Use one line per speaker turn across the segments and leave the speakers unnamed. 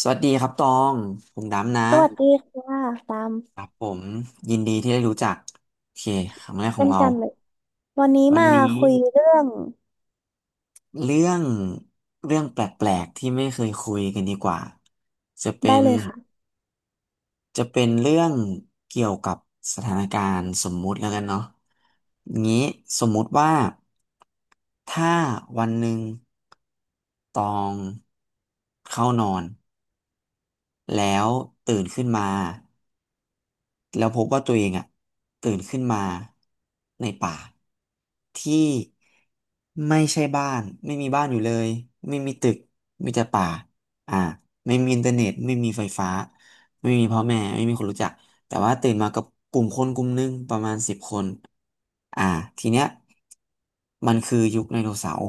สวัสดีครับตอง ผมดำนะ
สวัสดีค่ะตาม
ครับผมยินดีที่ได้รู้จักโอเคครั้งแรกขอ
เช่
ง
น
เรา
กันเลยวันนี้
วัน
มา
นี้
คุยเรื่อง
เรื่องเรื่องแปลกๆที่ไม่เคยคุยกันดีกว่าจะเป็
ได้
น
เลยค่ะ
จะเป็นเรื่องเกี่ยวกับสถานการณ์สมมุติแล้วกันเนาะงี้สมมุติว่าถ้าวันหนึ่งตองเข้านอนแล้วตื่นขึ้นมา แล้วพบว่าตัวเองอะตื่นขึ้นมาในป่าที่ไม่ใช่บ้านไม่มีบ้านอยู่เลยไม่มีตึกมีแต่ป่าอ่าไม่มีอินเทอร์เน็ตไม่มีไฟฟ้าไม่มีพ่อแม่ไม่มีคนรู้จักแต่ว่าตื่นมากับกลุ่มคนกลุ่มหนึงประมาณสิบคน อ่าทีเนี้ยมันคือยุคไดโนเสาร์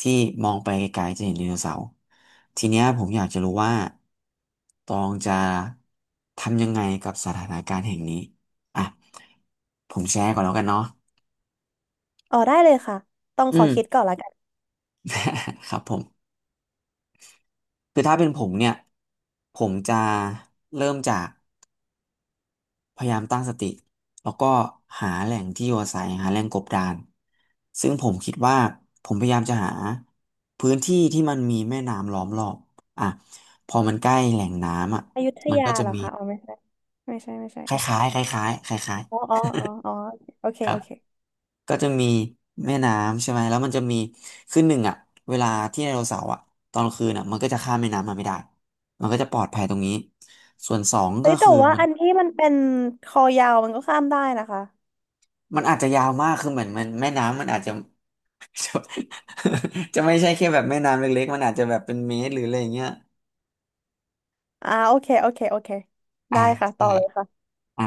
ที่มองไปไกลๆจะเห็นไดโนเสาร์ทีเนี้ยผมอยากจะรู้ว่าตองจะทำยังไงกับสถานการณ์แห่งนี้อ่ะผมแชร์ก่อนแล้วกันเนาะ
อ๋อได้เลยค่ะต้อง
อื
ขอ
ม
คิดก่อนละกัน
ครับผมคือถ้าเป็นผมเนี่ยผมจะเริ่มจาก พยายามตั้งสติแล้วก็หาแหล่งที่อยู่อาศัยหาแหล่งกบดานซึ่งผมคิดว่าผมพยายามจะหาพื้นที่ที่มันมีแม่น้ำล้อมรอบอ่ะพอมันใกล้แหล่งน้ำอ่ะ
อยุธ
มัน
ยา
ก็จะ
เหรอ
มี
คะอ๋อไม่ใช่ไม่ใช่ไม่ใช่
ค
โอเค
ล้ายๆคล้ายๆคล้าย
อ๋ออ๋ออ๋ออ๋อโอเค
ๆครั
โอ
บ
เค
ก็จะมีแม่น้ำใช่ไหมแล้วมันจะมีคือหนึ่งอ่ะเวลาที่ไดโนเสาร์อ่ะตอนกลางคืนอ่ะมันก็จะข้ามแม่น้ำมาไม่ได้มันก็จะปลอดภัยตรงนี้ส่วนสอง
เฮ้
ก็
ยแต่
คือ
ว่า
มัน
อันที่มันเป็นคอยาวมันก็ข้ามได้นะคะ
มันอาจจะยาวมากคือเหมือนแม่น้ำมันอาจจะ จะจะไม่ใช่แค่แบบแม่น้ำเล็กๆมันอาจจะแบบเป็นเมตรหรืออะไรอย่างเงี้ย
อ่าโอเคโอเคโอเค
อ่า
ได้ค่ะ
ใช่
ต่อเลยค่ะ
อ่ะ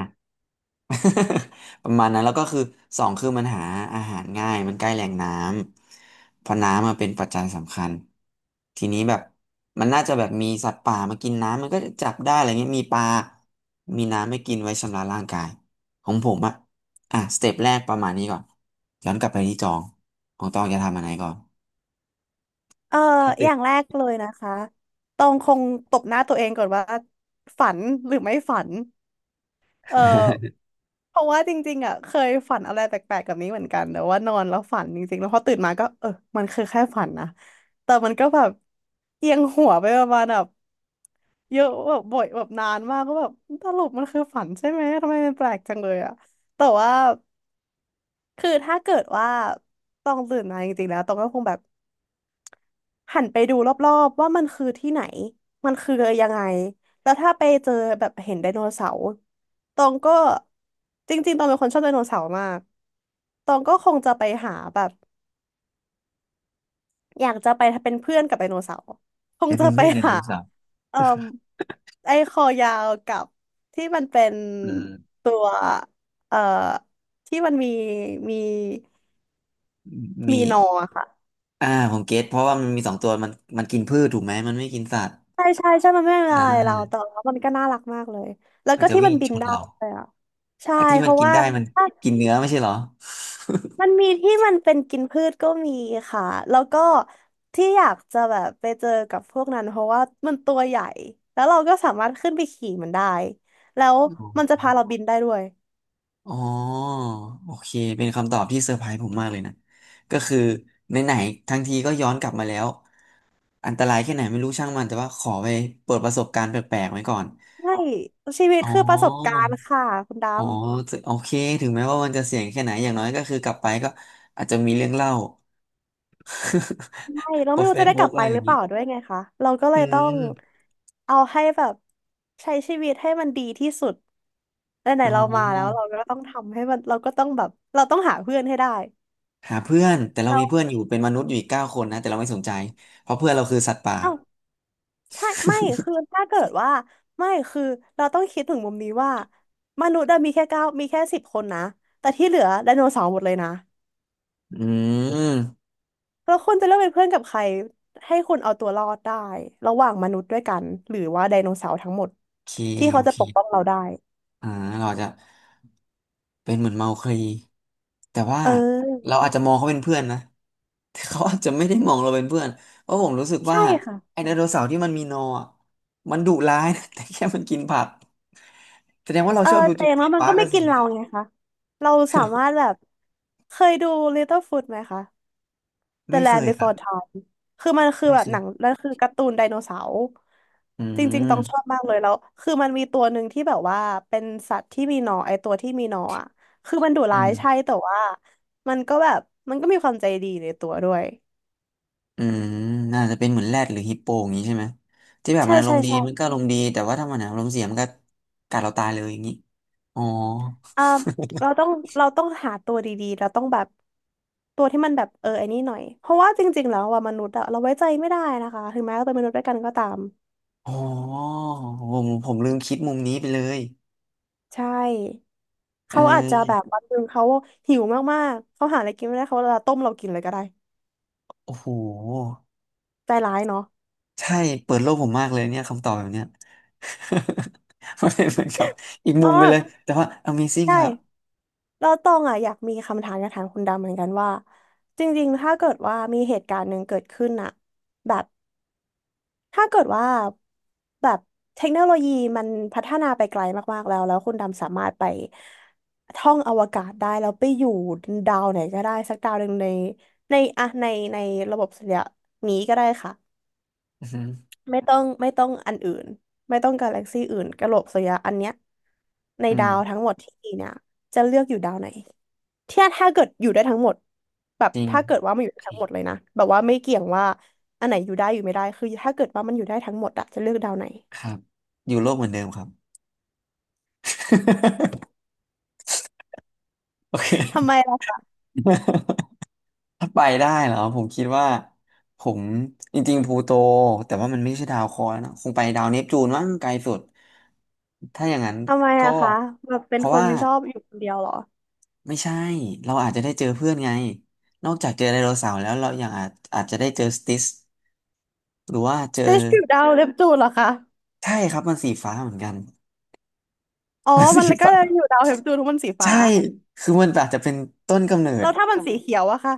ประมาณนั้นแล้วก็คือสองคือมันหาอาหารง่ายมันใกล้แหล่งน้ำเพราะน้ำมาเป็นปัจจัยสำคัญทีนี้แบบมันน่าจะแบบมีสัตว์ป่ามากินน้ำมันก็จะจับได้อะไรเงี้ยมีปลามีน้ำให้กินไว้ชำระร่างกายของผมอะอ่ะสเต็ปแรกประมาณนี้ก่อนย้อนกลับไปที่ตองของตองจะทำอะไรก่อน
เอ่อ
ถ้า
อ
ติด
ย่างแรกเลยนะคะต้องคงตบหน้าตัวเองก่อนว่าฝันหรือไม่ฝัน เอ อเพราะว่าจริงๆอ่ะเคยฝันอะไรแปลกๆแบบนี้เหมือนกันแต่ว่านอนแล้วฝันจริงๆแล้วพอตื่นมาก็เออมันคือแค่ฝันนะแต่มันก็แบบเอียงหัวไปประมาณแบบเยอะแบบบ่อยแบบนานมากก็แบบสรุปมันคือฝันใช่ไหมทำไมมันแปลกจังเลยอ่ะแต่ว่าคือถ้าเกิดว่าต้องตื่นมาจริงๆแล้วต้องก็คงแบบ หันไปดูรอบๆว่ามันคือที่ไหนมันคือยังไงแล้วถ้าไปเจอแบบเห็นไดโนเสาร์ตองก็จริงๆตองเป็นคนชอบไดโนเสาร์มากตองก็คงจะไปหาแบบอยากจะไปเป็นเพื่อนกับไดโนเสาร์คง
จะ
จะ
เป็น
ไป
ไม่เนได
หา
โนเสาร์
เอ่อไอ้คอยาวกับที่มันเป็น
เออ
ตัวเอ่อที่มันมีมีมี
มี
นอค่ะ
ผมเก็ตเพราะว่ามันมีสองตัวมันกินพืชถูกไหมมันไม่กินสัตว์
ใช่ใช่ใช่มันไม่เป็น
อ่
อะไรเรา
า
แต่ว่ามันก็น่ารักมากเลยแล้ว
มัน
ก็
จะ
ที่
วิ่
มั
ง
นบิ
ช
น
น
ได้
เรา
เลยอ่ะใช่
ไอ้ที่
เพ
มัน
ราะ
กิน
ว่า
ได้มัน
ถ้า
กินเนื้อไม่ใช่เหรอ
มันมีที่มันเป็นกินพืชก็มีค่ะแล้วก็ที่อยากจะแบบไปเจอกับพวกนั้นเพราะว่ามันตัวใหญ่แล้วเราก็สามารถขึ้นไปขี่มันได้แล้ว
อ๋
มันจะ
อ
พาเราบินได้ด้วย
อ๋อโอเคเป็นคำตอบที่เซอร์ไพรส์ผมมากเลยนะก็คือไหนๆทั้งทีก็ย้อนกลับมาแล้วอันตรายแค่ไหนไม่รู้ช่างมันแต่ว่าขอไปเปิดประสบการณ์แปลกๆไว้ก่อน
ใช่ชีวิต
อ๋อ
คือประสบการณ์ค่ะคุณ
อ๋อ
ดำ
ถึงโอเคถึงแม้ว่ามันจะเสี่ยงแค่ไหนอย่างน้อยก็คือกลับไปก็อาจจะมีเรื่องเล่า
ใช่ เรา
โพ
ไม่
ส
รู้
เฟ
จะ
ซ
ได้ก
บุ๊
ลั
ก
บ
อะ
ไป
ไรอ
ห
ย่า
รือ
ง
เป
นี้
ล่าด้วยไงคะเราก็เล
อื
ยต้อง
ม
เอาให้แบบใช้ชีวิตให้มันดีที่สุด ไหน
อ๋อ
ๆเรามาแล้วเราก็ต้องทำให้มันเราก็ต้องแบบเราต้องหาเพื่อนให้ได้
หาเพื่อนแต่เรามีเพื่อน
เรา
อยู่เป็นมนุษย์อยู่อีกเก้าคนนะแต่เราไม่สนใจเพราะเพื่อนเราคือสัตว์ป่า
เอ้าใช่ไม่คือถ้าเกิดว่าไม่คือเราต้องคิดถึงมุมนี้ว่ามนุษย์อะมีแค่9มีแค่10 คนนะแต่ที่เหลือไดโนเสาร์หมดเลยนะ
อืม
แล้วคุณจะเลือกเป็นเพื่อนกับใครให้คุณเอาตัวรอดได้ระหว่างมนุษย์ด้วยกันหรือว่าไดโนเสาร์ทั้งหมด
โอเค
ที่
โอ
เขาจะ
เค
ปกป้องเราได้
อ่าเราอาจจะเป็นเหมือนเมาคลีแต่ว่า
เ
เรา
ออ
อาจจะมองเขาเป็นเพื่อนนะแต่เขาอาจจะไม่ได้มองเราเป็นเพื่อนเพราะผมรู้สึกว่า
ใช่ค่ะ
ไอ้ไดโนเสาร์ที่มันมีนออะมันดุร้ายนะ แต่แค่มันกินผักแสดงว่าเรา
เออ
ชอบดู
แต่
จู
อ
รา
ย่า
ส
งน้
สิ
อ
ค
ยมัน
พาร์
ก็
ก
ไม่
กับสิ่
กิ
ง
น
นี้
เรา
แหละ
ไงคะเราสามารถ แบบเคยดู l ตเต l e f ฟ o d ไหมคะ The
ไม่เค
Land
ยครับ
Before Time คือมันคือ
ไม่
แบ
เค
บห
ย
นังแล้วคือการ์ตูนไดโนเสาร์
อื
จริงๆต้องชอบ
ม
มากเลยแล้ว คือมันมีตัวหนึ่งที่แบบว่าเป็นสัตว์ที่มีหนอนไอตัวที่มีหนอนอ่ะคือมันดุ
อื
ร้ายใช่
ม
แต่ว่ามันก็แบบมันก็มีความใจดีในตัวด้วย
อืมน่าจะเป็นเหมือนแรดหรือฮิปโปอย่างนี้ใช่ไหมที่แบบ
ใช่
มันอาร
ใช่
มณ์ดี
ใช่
มันก็อารมณ์ดีแต่ว่าถ้ามันอารมณ์เสียมันก็กัดเราตายเลยอย่างนี้อ๋อ
อ่าเราต้องหาตัวดีๆเราต้องแบบตัวที่มันแบบเออไอ้นี่หน่อย เพราะว่าจริงๆแล้วว่ามนุษย์อะเราไว้ใจไม่ได้นะคะถึงแม้เราเป็นมนุษย์ด้วยกันก็ตาม
อ๋อผมลืมคิดมุมนี้ไปเลย
ใช่
เ
เขาอาจจะแบบ
ออ
วันหนึ่งเขาหิวมากๆ เขาหาอะไรกินไม่ได้เขาจะต้มเรากินเลยก็ได้
โอ้โห
ใจร้ายเนาะ
ใช่เปิดโลกผมมากเลยเนี่ยคำตอบแบบเนี้ย มันเป็นเหมือนกับอีกมุ
อ๋อ
มไปเลยแต่ว่า Amazing ครับ
ใช่แล้วตองอ่ะอยากมีคำถามอยากถามคุณดำเหมือนกันว่า จริงๆ ถ้าเกิดว่ามีเหตุการณ์หนึ่งเกิดขึ้นอะแบบถ้าเกิดว่าแบบเทคโนโลยีมันพัฒนาไปไกลมากๆ แล้วแล้วคุณดำสามารถไปท่องอวกาศได้แล้วไปอยู่ดาวไหนก็ได้สักดาวหนึ่งในอะในในระบบสุริยะนี้ก็ได้ค่ะ
อือหือ
ไม่ต้องไม่ต้องอันอื่นไม่ต้องกาแล็กซี่อื่นกะโหลกสุริยะอันเนี้ยใน
อื
ดาว
ม
ทั้งหมดที่มีเนี่ยจะเลือกอยู่ดาวไหนที่ถ้าเกิดอยู่ได้ทั้งหมดแบบ
จริง
ถ้าเกิดว่ามันอ
โอ
ยู่ได้
เค
ทั้งหมดเลยนะแบบว่าไม่เกี่ยงว่าอันไหนอยู่ได้อยู่ไม่ได้คือถ้าเกิดว่ามันอยู่ได้ทั้งหมดอะจะเลือกดาวไหน
ครับอยู่โลกเหมือนเดิมครับ โอเค
ทำไมล่ะ
ถ้าไปได้เหรอผมคิดว่าผมจริงๆพลูโตแต่ว่ามันไม่ใช่ดาวเคราะห์นะคงไปดาวเนปจูนมั้งไกลสุดถ้าอย่างนั้น
ทำไม
ก็
อะคะแบบเป็
เพ
น
ราะ
คน
ว่า
ชอบอยู่คนเดียวเหรอ
ไม่ใช่เราอาจจะได้เจอเพื่อนไงนอกจากเจอไดโนเสาร์แล้วเรายังอาจจะได้เจอสติสหรือว่าเจ
ส
อ
เตชอยู่ดาว เนปจูนเหรอคะ
ใช่ครับมันสีฟ้าเหมือนกัน
อ๋อ
มันสี
มันก็
ฟ้า
อยู่ดาวเนปจูนเพราะมันสีฟ้า
ใช่คือมันอาจจะเป็นต้นกำเนิ
แล้
ด
วถ้ามันสีเขียวอะคะ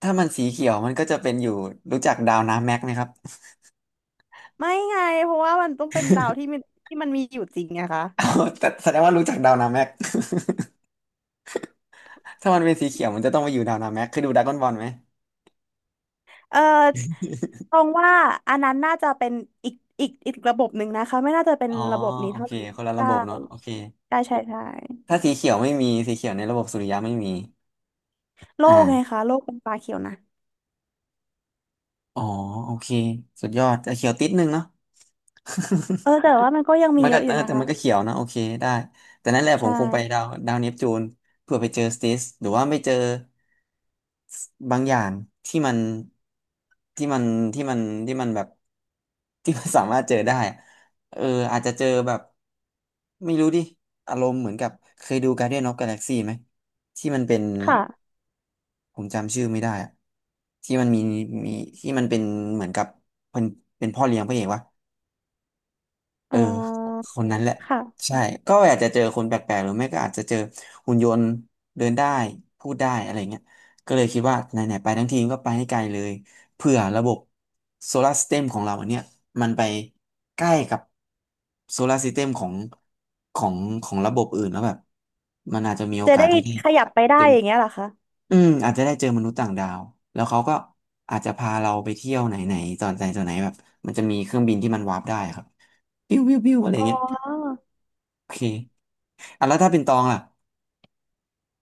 ถ้ามันสีเขียวมันก็จะเป็นอยู่รู้จักดาวน้ำแม็กไหมครับ
ไม่ไงเพราะว่ามันต้องเป็นดาวที่มันมีอยู่จริงไงคะ
เอาแต่แสดงว่ารู้จักดาวนาแม็ก ถ้ามันเป็นสีเขียวมันจะต้องมาอยู่ดาวนาแม็กเคือดูดราก้อนบอลไหม
เออ ตรงว่าอันนั้นน่าจะเป็นอีกอีกระบบหนึ่งนะคะไม่น่าจะเป็น
อ๋อ
ระบบนี้
โอ
เท่า
เค
ไหร่
คนละระ
ได้
บบเนาะโอเค
ได้ใช่ใช่
ถ้าสีเขียวไม่มีสีเขียวในระบบสุริยะไม่มี
โลกไง
อ่า
คะโลกเป็นปลาเขียวนะ
อ๋อโอเคสุดยอดจะเขียวติดนึงเนาะ
เอ อแต่ว่ามันก็ยังมี
มัน
เย
ก็
อะอยู่นะ
แต่
คะ
มันก็เขียวนะโอเคได้แต่นั่นแหละผม
ใช่
คงไปดาวเนปจูนเพื่อไปเจอสติสหรือว่าไม่เจอบางอย่างที่มันที่มันที่มันที่มันแบบที่มันสามารถเจอได้อะเอออาจจะเจอแบบไม่รู้ดิอารมณ์เหมือนกับเคยดู Guardian of Galaxy ไหมที่มันเป็น
ค่ะ
ผมจำชื่อไม่ได้อะที่มันมีที่มันเป็นเหมือนกับเป็นเป็นพ่อเลี้ยงพระเอกวะ เอ
อ๋
อ
อ
คนนั้นแหละ
ค่ะ
ใช่ก็อาจจะเจอคนแปลกๆหรือไม่ก็อาจจะเจอหุ่นยนต์เดินได้พูดได้อะไรเงี้ยก็เลยคิดว่าไหนๆไปทั้งทีก็ไปให้ไกลเลยเผื่อระบบโซลาร์ส y ต e มของเราอันเนี้ยมันไปใกล้กับโซลาร์ส y ต e มของของระบบอื่นแล้วแบบมันอาจจะมีโอ
จะ
กาส
ได้
ที่ได้
ขยับไปได้อย่างเงี้ยเหรอคะ
อืมอาจจะได้เจอมนุษย์ต่างดาวแล้วเขาก็อาจจะพาเราไปเที่ยวไหนไหนตอนไหนแบบมันจะมีเครื่องบินที่มันวาร์ปได้ครับปิ้วปิ้วปิ้วอะไร
อ๋
เงี้ย
อ
โอเคอ่ะแล้วถ้าเป็นตองล่ะ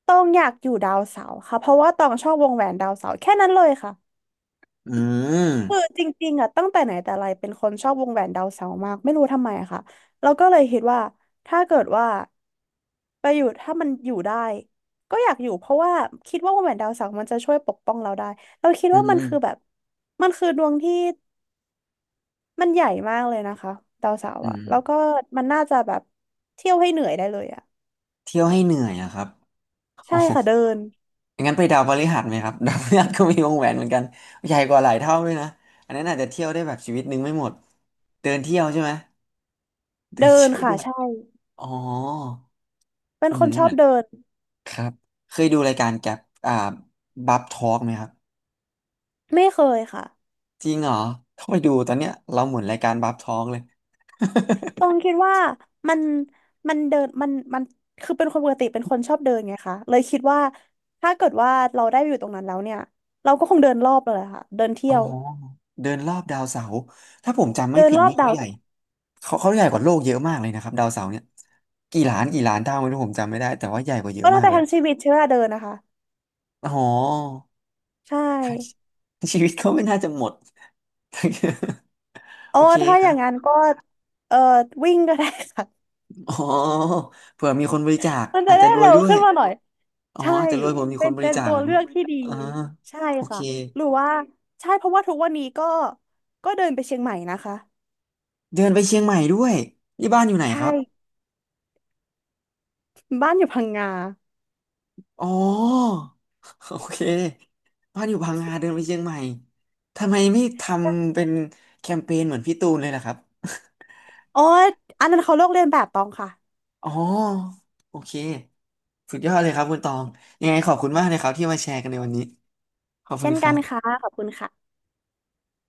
ต้องอยากอยู่ดาวเสาร์ค่ะเพราะว่าต้องชอบวงแหวนดาวเสาร์แค่นั้นเลยค่ะ
อืม
คือจริงๆอ่ะตั้งแต่ไหนแต่ไรเป็นคนชอบวงแหวนดาวเสาร์มากไม่รู้ทำไมอะค่ะเราวก็เลยคิดว่าถ้าเกิดว่าไปอยู่ถ้ามันอยู่ได้ก็อยากอยู่เพราะว่าคิดว่าวงแหวนดาวเสาร์มันจะช่วยปกป้องเราได้เราคิด
อื
ว่า
ม
มัน
อืม
คือแบบมันคือดวงที่มันใหญ่มากเลยนะคะดาวเสาร์
อื
อ่ะ
ม
แล้วก็มันน่าจะแบบเที่ยวให้เหนื่อยได้เลยอ่ะ
เที่ยวให้เหนื่อยอะครับโอ้
ใช่
โห
ค่ะเดิน
งั้นไปดาวพฤหัสไหมครับ ดาวพฤหัสก็มีวงแหวนเหมือนกันใหญ่กว่าหลายเท่าด้วยนะอันนั้นอาจจะเที่ยวได้แบบชีวิตนึงไม่หมดเดินเที่ยวใช่ไหมเดิ
เดิ
น
น
เที่ยว
ค่ะ
ด้วย
ใช่
อ๋อ
เป็น
อื
ค
ม
นช
เห
อ
มื
บ
อน
เดิน
ครับเคยดูรายการแกบอ่าบับทอล์กไหมครับ
ไม่เคยค่ะ
จริงเหรอต้องไปดูตอนเนี้ยเราหมุนรายการบับทอล์กเลย
ตรงคิดว่ามันเดินมันคือเป็นคนปกติเป็นคนชอบเดินไงคะเลยคิดว่าถ้าเกิดว่าเราได้ไปอยู่ตรงนั้นแล้วเนี่ยเราก็คงเดินรอบเลยค่ะเดิน เที่
อ๋อ
ยว
เดินรอบดาวเสาร์ถ้าผมจำไม่
เดิน
ผิด
รอ
นี่
บ
เขา
ดาว
ใหญ่เขาใหญ่กว่าโลกเยอะมากเลยนะครับดาวเสาร์เนี่ยกี่ล้านเท่าไม่รู้ผมจำไม่ได้แต่ว่าใหญ่กว่าเย
ก็
อะ
น่า
มาก
จะ
เลย
ทั้งชีวิตใช้เวลาเดินนะคะ
อ๋อ
ใช่
ทั้ง ชีวิตเขาไม่น่าจะหมด
อ๋อ
โอเค
ถ้า
ค
อ
รั
ย่า
บ
งนั้นก็เอ่อวิ่งก็ได้ค่ะ
อ๋อเผื่อมีคนบริจาค
มันจะ
อาจจะ
ได้
รวย
เร็ว
ด้วย
ขึ้นมาหน่อย
อ๋อ
ใช่
อาจจะรวยผมมี
เป็
คน
น
บริจาค
ตัว
เหมือน
เลือกที่ดี
อ่า
ใช่
โอเค
ค่ะหรือว่าใช่เพราะว่าทุกวันนี้ก็เดินไปเชียงใหม่นะคะ
เดินไปเชียงใหม่ด้วยนี่บ้านอยู่ไหน
ใช่
ครับ
บ้านอยู่พังงา
อ๋อ โอเคบ้านอยู่พังงาเดินไปเชียงใหม่ทำไมไม่ทำเป็นแคมเปญเหมือนพี่ตูนเลยล่ะครับ
โอ้อันนั้นเขาเลือกเรียนแบบตองค่ะ
อ๋อโอเคสุดยอดเลยครับคุณตองยังไงขอบคุณมากเลยครับที่มาแชร์กันในวันนี้ขอบคุ
เช่
ณ
น
ค
กั
รั
นค่ะ
บ
ขอบคุณค่ะ